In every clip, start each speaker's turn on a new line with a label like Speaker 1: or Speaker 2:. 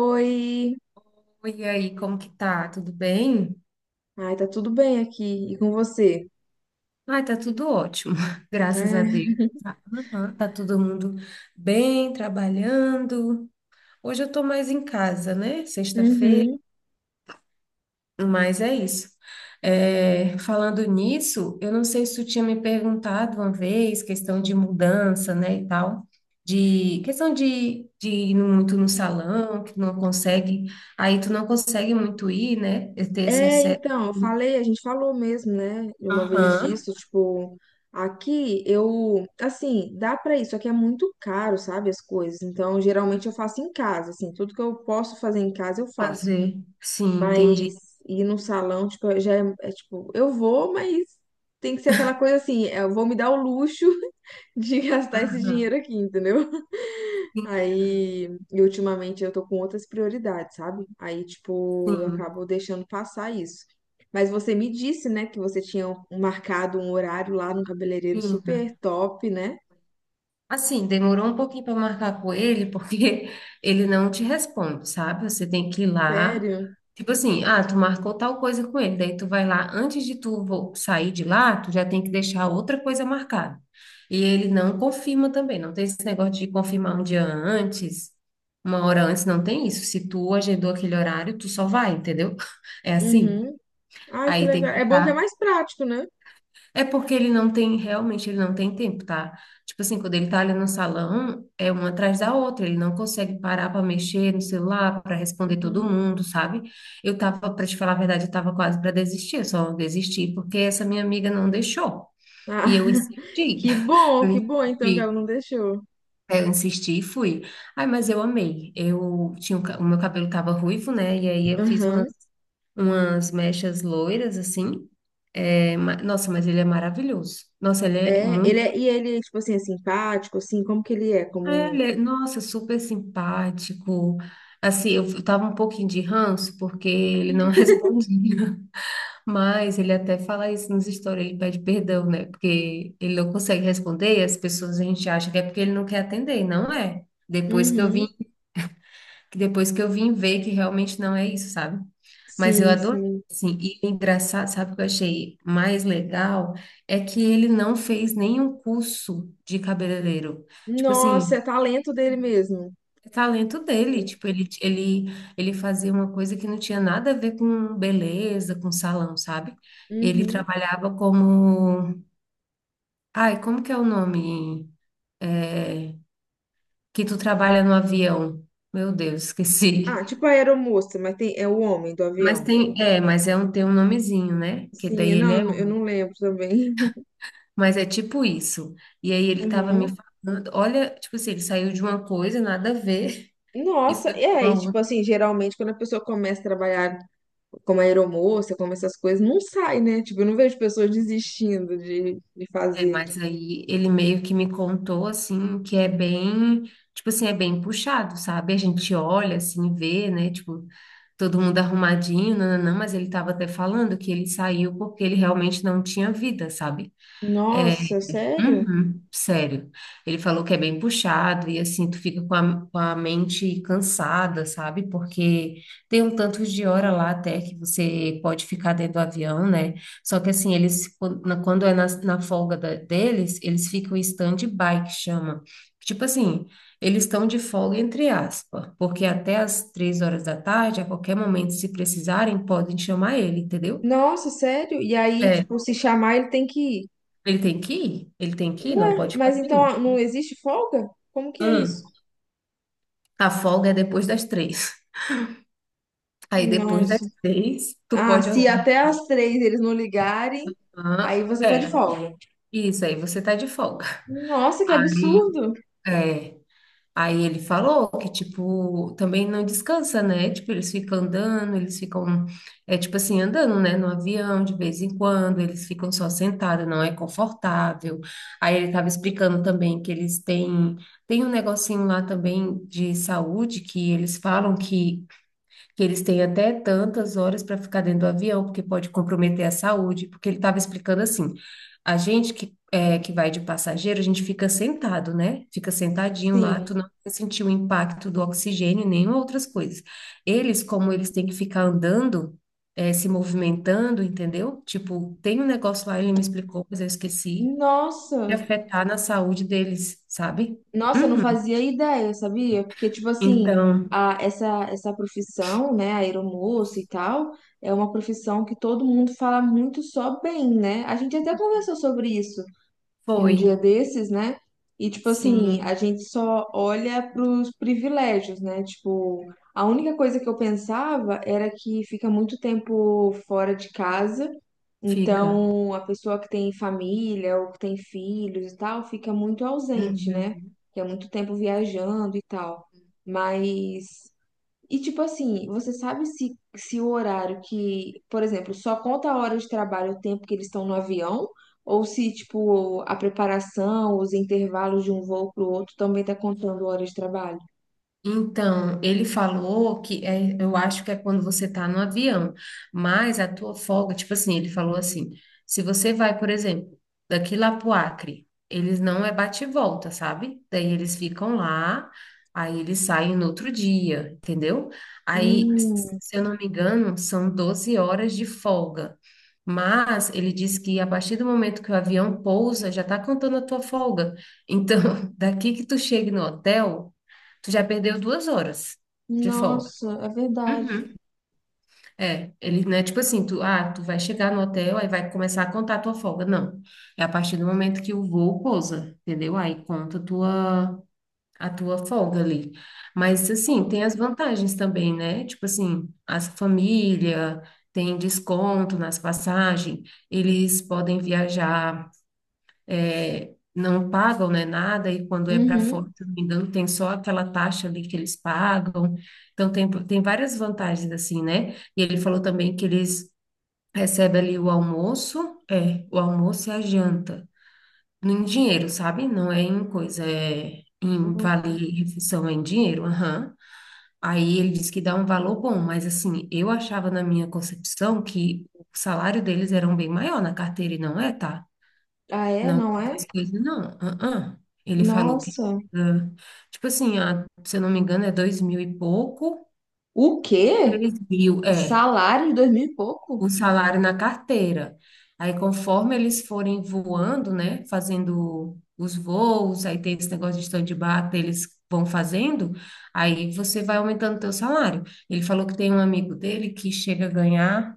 Speaker 1: Oi!
Speaker 2: Oi, e aí, como que tá? Tudo bem?
Speaker 1: Ai, tá tudo bem aqui. E com você?
Speaker 2: Ai, tá tudo ótimo, graças a Deus.
Speaker 1: É.
Speaker 2: Tá, aham, tá todo mundo bem, trabalhando. Hoje eu tô mais em casa, né? Sexta-feira,
Speaker 1: Uhum.
Speaker 2: mas é isso. É, falando nisso, eu não sei se tu tinha me perguntado uma vez, questão de mudança, né, e tal, de questão de ir muito no salão, que não consegue, aí tu não consegue muito ir, né, ter esse
Speaker 1: É,
Speaker 2: acesso.
Speaker 1: então, eu falei, a gente falou mesmo, né? Uma vez
Speaker 2: Aham.
Speaker 1: disso, tipo, aqui eu, assim, dá pra isso, aqui é muito caro, sabe, as coisas. Então, geralmente eu faço em casa, assim, tudo que eu posso fazer em casa eu faço.
Speaker 2: Fazer. Sim,
Speaker 1: Mas
Speaker 2: entendi.
Speaker 1: ir no salão, tipo, já é, é, tipo, eu vou, mas tem que ser aquela coisa assim, eu vou me dar o luxo de gastar esse
Speaker 2: Aham.
Speaker 1: dinheiro aqui, entendeu?
Speaker 2: Sim,
Speaker 1: Aí, e ultimamente eu tô com outras prioridades, sabe? Aí, tipo, eu
Speaker 2: sim,
Speaker 1: acabo deixando passar isso. Mas você me disse, né, que você tinha marcado um horário lá no cabeleireiro
Speaker 2: sim.
Speaker 1: super top, né?
Speaker 2: Assim, demorou um pouquinho para marcar com ele, porque ele não te responde, sabe? Você tem que ir lá.
Speaker 1: Sério?
Speaker 2: Tipo assim, ah, tu marcou tal coisa com ele, daí tu vai lá, antes de tu sair de lá, tu já tem que deixar outra coisa marcada. E ele não confirma também, não tem esse negócio de confirmar um dia antes, uma hora antes, não tem isso. Se tu agendou aquele horário, tu só vai, entendeu? É assim.
Speaker 1: Uhum. Ai, que
Speaker 2: Aí
Speaker 1: legal.
Speaker 2: tem que
Speaker 1: É bom que é
Speaker 2: estar
Speaker 1: mais prático, né?
Speaker 2: É porque ele não tem, realmente, ele não tem tempo, tá? Tipo assim, quando ele tá ali no salão, é uma atrás da outra, ele não consegue parar para mexer no celular, para responder todo
Speaker 1: Uhum.
Speaker 2: mundo, sabe? Eu tava, para te falar a verdade, eu tava quase para desistir, eu só desisti porque essa minha amiga não deixou. E
Speaker 1: Ah,
Speaker 2: eu insisti. Eu
Speaker 1: que bom então que ela
Speaker 2: insisti.
Speaker 1: não deixou.
Speaker 2: Eu insisti e fui. Ai, mas eu amei. Eu tinha, o meu cabelo tava ruivo, né? E aí eu fiz
Speaker 1: Aham.
Speaker 2: umas mechas loiras, assim. É, nossa, mas ele é maravilhoso. Nossa, ele é
Speaker 1: É, ele
Speaker 2: muito.
Speaker 1: é, e ele, tipo assim, é simpático, assim, como que ele é?
Speaker 2: é,
Speaker 1: Como.
Speaker 2: ele é- nossa, super simpático. Assim, eu tava um pouquinho de ranço porque ele não respondia. Mas ele até fala isso nos stories, ele pede perdão, né? Porque ele não consegue responder e as pessoas a gente acha que é porque ele não quer atender, e não é.
Speaker 1: Uhum.
Speaker 2: Depois que eu vim ver que realmente não é isso, sabe? Mas eu
Speaker 1: Sim,
Speaker 2: adorei,
Speaker 1: sim.
Speaker 2: assim, e o engraçado, sabe o que eu achei mais legal? É que ele não fez nenhum curso de cabeleireiro. Tipo
Speaker 1: Nossa,
Speaker 2: assim,
Speaker 1: é talento dele mesmo.
Speaker 2: é talento dele,
Speaker 1: Sim.
Speaker 2: tipo, ele fazia uma coisa que não tinha nada a ver com beleza, com salão, sabe? Ele
Speaker 1: Uhum.
Speaker 2: trabalhava como... Ai, como que é o nome? É, que tu trabalha no avião. Meu Deus,
Speaker 1: Ah,
Speaker 2: esqueci.
Speaker 1: tipo a aeromoça, mas tem, é o homem do
Speaker 2: Mas
Speaker 1: avião.
Speaker 2: tem, é, mas é um, tem um nomezinho, né? Que
Speaker 1: Sim,
Speaker 2: daí ele
Speaker 1: não, eu
Speaker 2: é,
Speaker 1: não eu não lembro também.
Speaker 2: mas é tipo isso. E aí ele tava me
Speaker 1: Uhum.
Speaker 2: falando, olha, tipo assim, ele saiu de uma coisa, nada a ver, e
Speaker 1: Nossa,
Speaker 2: foi
Speaker 1: é,
Speaker 2: pra
Speaker 1: e
Speaker 2: uma
Speaker 1: tipo
Speaker 2: outra.
Speaker 1: assim, geralmente quando a pessoa começa a trabalhar como aeromoça, como essas coisas, não sai, né? Tipo, eu não vejo pessoas desistindo de
Speaker 2: É,
Speaker 1: fazer.
Speaker 2: mas aí ele meio que me contou, assim, que é bem, tipo assim, é bem puxado, sabe? A gente olha, assim, vê, né? Tipo, todo mundo arrumadinho, não, mas ele tava até falando que ele saiu porque ele realmente não tinha vida, sabe? É,
Speaker 1: Nossa, sério?
Speaker 2: uhum, sério. Ele falou que é bem puxado e assim, tu fica com a mente cansada, sabe? Porque tem um tanto de hora lá até que você pode ficar dentro do avião, né? Só que assim, eles, quando é na folga deles, eles ficam em stand-by, que chama. Tipo assim, eles estão de folga entre aspas, porque até as 3 horas da tarde, a qualquer momento, se precisarem, podem chamar ele, entendeu?
Speaker 1: Nossa, sério? E aí,
Speaker 2: É,
Speaker 1: tipo, se chamar, ele tem que ir.
Speaker 2: ele tem que ir, ele tem que ir, não
Speaker 1: Ué,
Speaker 2: pode ficar
Speaker 1: mas então
Speaker 2: sem
Speaker 1: ah, não existe folga? Como que é isso?
Speaker 2: ir. A folga é depois das três. Aí depois
Speaker 1: Nossa.
Speaker 2: das três, tu
Speaker 1: Ah,
Speaker 2: pode
Speaker 1: se até às 3 eles não ligarem, aí
Speaker 2: organizar.
Speaker 1: você tá de
Speaker 2: É,
Speaker 1: folga.
Speaker 2: isso aí, você tá de folga.
Speaker 1: Nossa, que
Speaker 2: Aí,
Speaker 1: absurdo!
Speaker 2: é. Aí ele falou que, tipo, também não descansa, né? Tipo, eles ficam andando, eles ficam, é tipo assim, andando, né? No avião, de vez em quando, eles ficam só sentados, não é confortável. Aí ele tava explicando também que eles têm, tem um negocinho lá também de saúde que eles falam que eles têm até tantas horas para ficar dentro do avião, porque pode comprometer a saúde, porque ele estava explicando assim, a gente que, é, que vai de passageiro, a gente fica sentado, né? Fica sentadinho lá, tu
Speaker 1: Sim.
Speaker 2: não vai sentir o impacto do oxigênio, nem outras coisas. Eles, como eles têm que ficar andando, é, se movimentando, entendeu? Tipo, tem um negócio lá, ele me explicou, mas eu esqueci, de
Speaker 1: Nossa,
Speaker 2: afetar na saúde deles, sabe?
Speaker 1: nossa, eu não
Speaker 2: Uhum.
Speaker 1: fazia ideia, sabia? Porque, tipo assim,
Speaker 2: Então,
Speaker 1: a, essa profissão, né, aeromoça e tal, é uma profissão que todo mundo fala muito só bem, né? A gente até conversou sobre isso, um
Speaker 2: foi.
Speaker 1: dia desses, né? E, tipo assim, a
Speaker 2: Sim,
Speaker 1: gente só olha pros privilégios, né? Tipo, a única coisa que eu pensava era que fica muito tempo fora de casa,
Speaker 2: fica.
Speaker 1: então a pessoa que tem família ou que tem filhos e tal fica muito ausente, né?
Speaker 2: Uhum.
Speaker 1: Que é muito tempo viajando e tal. Mas e tipo assim, você sabe se, se o horário que, por exemplo, só conta a hora de trabalho o tempo que eles estão no avião, ou se tipo a preparação, os intervalos de um voo para o outro também tá contando hora de trabalho?
Speaker 2: Então, ele falou que é, eu acho que é quando você está no avião, mas a tua folga, tipo assim, ele falou assim, se você vai, por exemplo, daqui lá pro Acre, eles não é bate e volta, sabe? Daí eles ficam lá, aí eles saem no outro dia, entendeu? Aí,
Speaker 1: Hum,
Speaker 2: se eu não me engano, são 12 horas de folga. Mas ele diz que a partir do momento que o avião pousa, já está contando a tua folga. Então, daqui que tu chegue no hotel, tu já perdeu 2 horas de folga.
Speaker 1: nossa, é verdade.
Speaker 2: Uhum. É, ele não é tipo assim, tu, ah, tu vai chegar no hotel, aí vai começar a contar a tua folga. Não. É a partir do momento que o voo pousa, entendeu? Aí conta a tua folga ali. Mas, assim, tem as vantagens também, né? Tipo assim, as família tem desconto nas passagens, eles podem viajar é, não pagam, né, nada, e quando é para fora,
Speaker 1: Uhum.
Speaker 2: se não me engano, tem só aquela taxa ali que eles pagam. Então, tem várias vantagens, assim, né? E ele falou também que eles recebem ali o almoço, é, o almoço e a janta, em dinheiro, sabe? Não é em coisa, é em vale-refeição, é em dinheiro, aham. Aí ele disse que dá um valor bom, mas assim, eu achava na minha concepção que o salário deles era um bem maior na carteira, e não é, tá?
Speaker 1: Ah, é?
Speaker 2: Não,
Speaker 1: Não
Speaker 2: essas
Speaker 1: é?
Speaker 2: coisas não. Ah, ah. Ele falou que,
Speaker 1: Nossa.
Speaker 2: ah, tipo assim, ah, se eu não me engano, é 2.000 e pouco,
Speaker 1: O quê?
Speaker 2: 3.000, é,
Speaker 1: Salário de dois mil e pouco?
Speaker 2: o salário na carteira. Aí, conforme eles forem voando, né, fazendo os voos, aí tem esse negócio de stand-by, que eles vão fazendo, aí você vai aumentando o teu salário. Ele falou que tem um amigo dele que chega a ganhar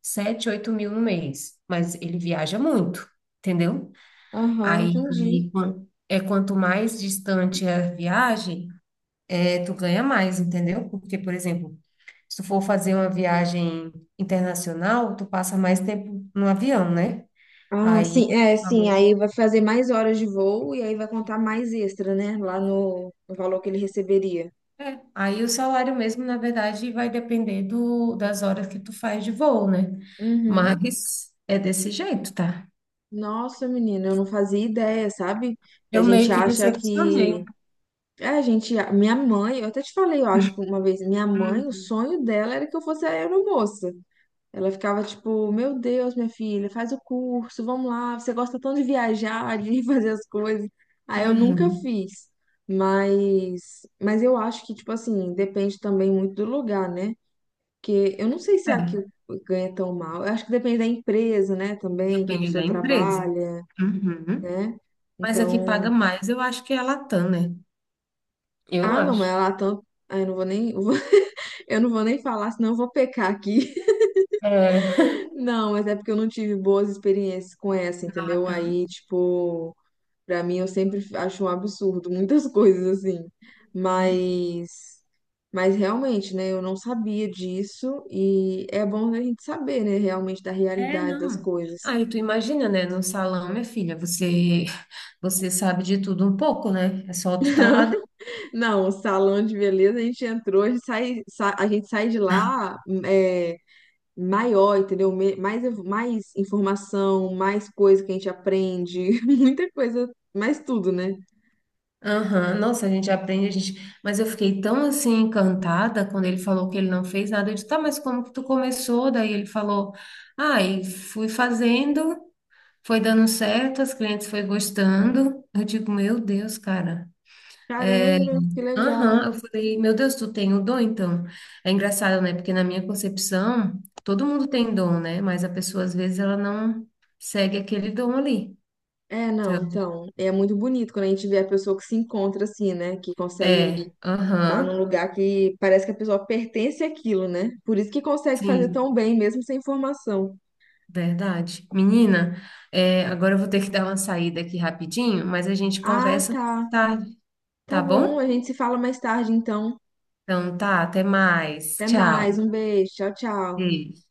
Speaker 2: sete, 8.000 no mês, mas ele viaja muito, entendeu?
Speaker 1: Aham, entendi.
Speaker 2: Aí, quanto mais distante é a viagem, é, tu ganha mais, entendeu? Porque, por exemplo, se tu for fazer uma viagem internacional, tu passa mais tempo no avião, né?
Speaker 1: Ah,
Speaker 2: Aí,
Speaker 1: sim, é, sim,
Speaker 2: amor,
Speaker 1: aí vai fazer mais horas de voo e aí vai contar mais extra, né? Lá no valor que ele receberia.
Speaker 2: é, aí o salário mesmo, na verdade, vai depender do, das horas que tu faz de voo, né?
Speaker 1: Uhum.
Speaker 2: Mas é desse jeito, tá?
Speaker 1: Nossa, menina, eu não fazia ideia, sabe? Que a
Speaker 2: Eu
Speaker 1: gente
Speaker 2: meio que
Speaker 1: acha que.
Speaker 2: decepcionei.
Speaker 1: É, a gente. Minha mãe, eu até te falei, eu acho que uma vez, minha mãe, o
Speaker 2: Hum,
Speaker 1: sonho dela era que eu fosse aeromoça. Ela ficava tipo, meu Deus, minha filha, faz o curso, vamos lá, você gosta tanto de viajar, de fazer as coisas. Aí eu nunca
Speaker 2: Uhum.
Speaker 1: fiz. Mas eu acho que, tipo assim, depende também muito do lugar, né? Porque eu não sei se aqui
Speaker 2: É,
Speaker 1: ganha tão mal. Eu acho que depende da empresa, né, também, que a
Speaker 2: depende
Speaker 1: pessoa
Speaker 2: da empresa.
Speaker 1: trabalha,
Speaker 2: Uhum.
Speaker 1: né?
Speaker 2: Mas a que paga
Speaker 1: Então,
Speaker 2: mais, eu acho que é a Latam, né? Eu
Speaker 1: ah, não, mas
Speaker 2: acho.
Speaker 1: ela tanto. Ah, eu não vou nem, eu não vou nem falar, senão eu vou pecar aqui.
Speaker 2: É.
Speaker 1: Não, mas é porque eu não tive boas experiências com essa,
Speaker 2: A
Speaker 1: entendeu?
Speaker 2: Latam.
Speaker 1: Aí, tipo. Pra mim, eu sempre acho um absurdo muitas coisas assim.
Speaker 2: Uhum.
Speaker 1: Mas, mas realmente, né? Eu não sabia disso e é bom a gente saber, né? Realmente da
Speaker 2: É,
Speaker 1: realidade das
Speaker 2: não.
Speaker 1: coisas.
Speaker 2: Aí tu imagina, né? No salão, minha filha, você sabe de tudo um pouco, né? É só tu tá lá dentro.
Speaker 1: Não, o salão de beleza, a gente entrou, a gente sai, a gente sai de lá é, maior, entendeu? Mais, mais informação, mais coisa que a gente aprende, muita coisa, mais tudo, né?
Speaker 2: Aham, nossa, a gente aprende, a gente... Mas eu fiquei tão, assim, encantada quando ele falou que ele não fez nada. Eu disse, tá, mas como que tu começou? Daí ele falou, ah, e fui fazendo, foi dando certo, as clientes foi gostando. Eu digo, meu Deus, cara. É,
Speaker 1: Caramba, que
Speaker 2: aham,
Speaker 1: legal.
Speaker 2: eu falei, meu Deus, tu tem o dom, então. É engraçado, né? Porque na minha concepção, todo mundo tem dom, né? Mas a pessoa, às vezes, ela não segue aquele dom ali.
Speaker 1: É, não,
Speaker 2: Então,
Speaker 1: então, é muito bonito quando a gente vê a pessoa que se encontra assim, né? Que consegue
Speaker 2: é,
Speaker 1: estar num
Speaker 2: aham,
Speaker 1: lugar que parece que a pessoa pertence àquilo, né? Por isso que consegue fazer
Speaker 2: sim,
Speaker 1: tão bem, mesmo sem formação.
Speaker 2: verdade. Menina, é, agora eu vou ter que dar uma saída aqui rapidinho, mas a gente
Speaker 1: Ah,
Speaker 2: conversa
Speaker 1: tá.
Speaker 2: tarde,
Speaker 1: Tá
Speaker 2: tá
Speaker 1: bom,
Speaker 2: bom?
Speaker 1: a gente se fala mais tarde, então.
Speaker 2: Então tá, até mais.
Speaker 1: Até mais,
Speaker 2: Tchau.
Speaker 1: um beijo, tchau, tchau.
Speaker 2: Beijo.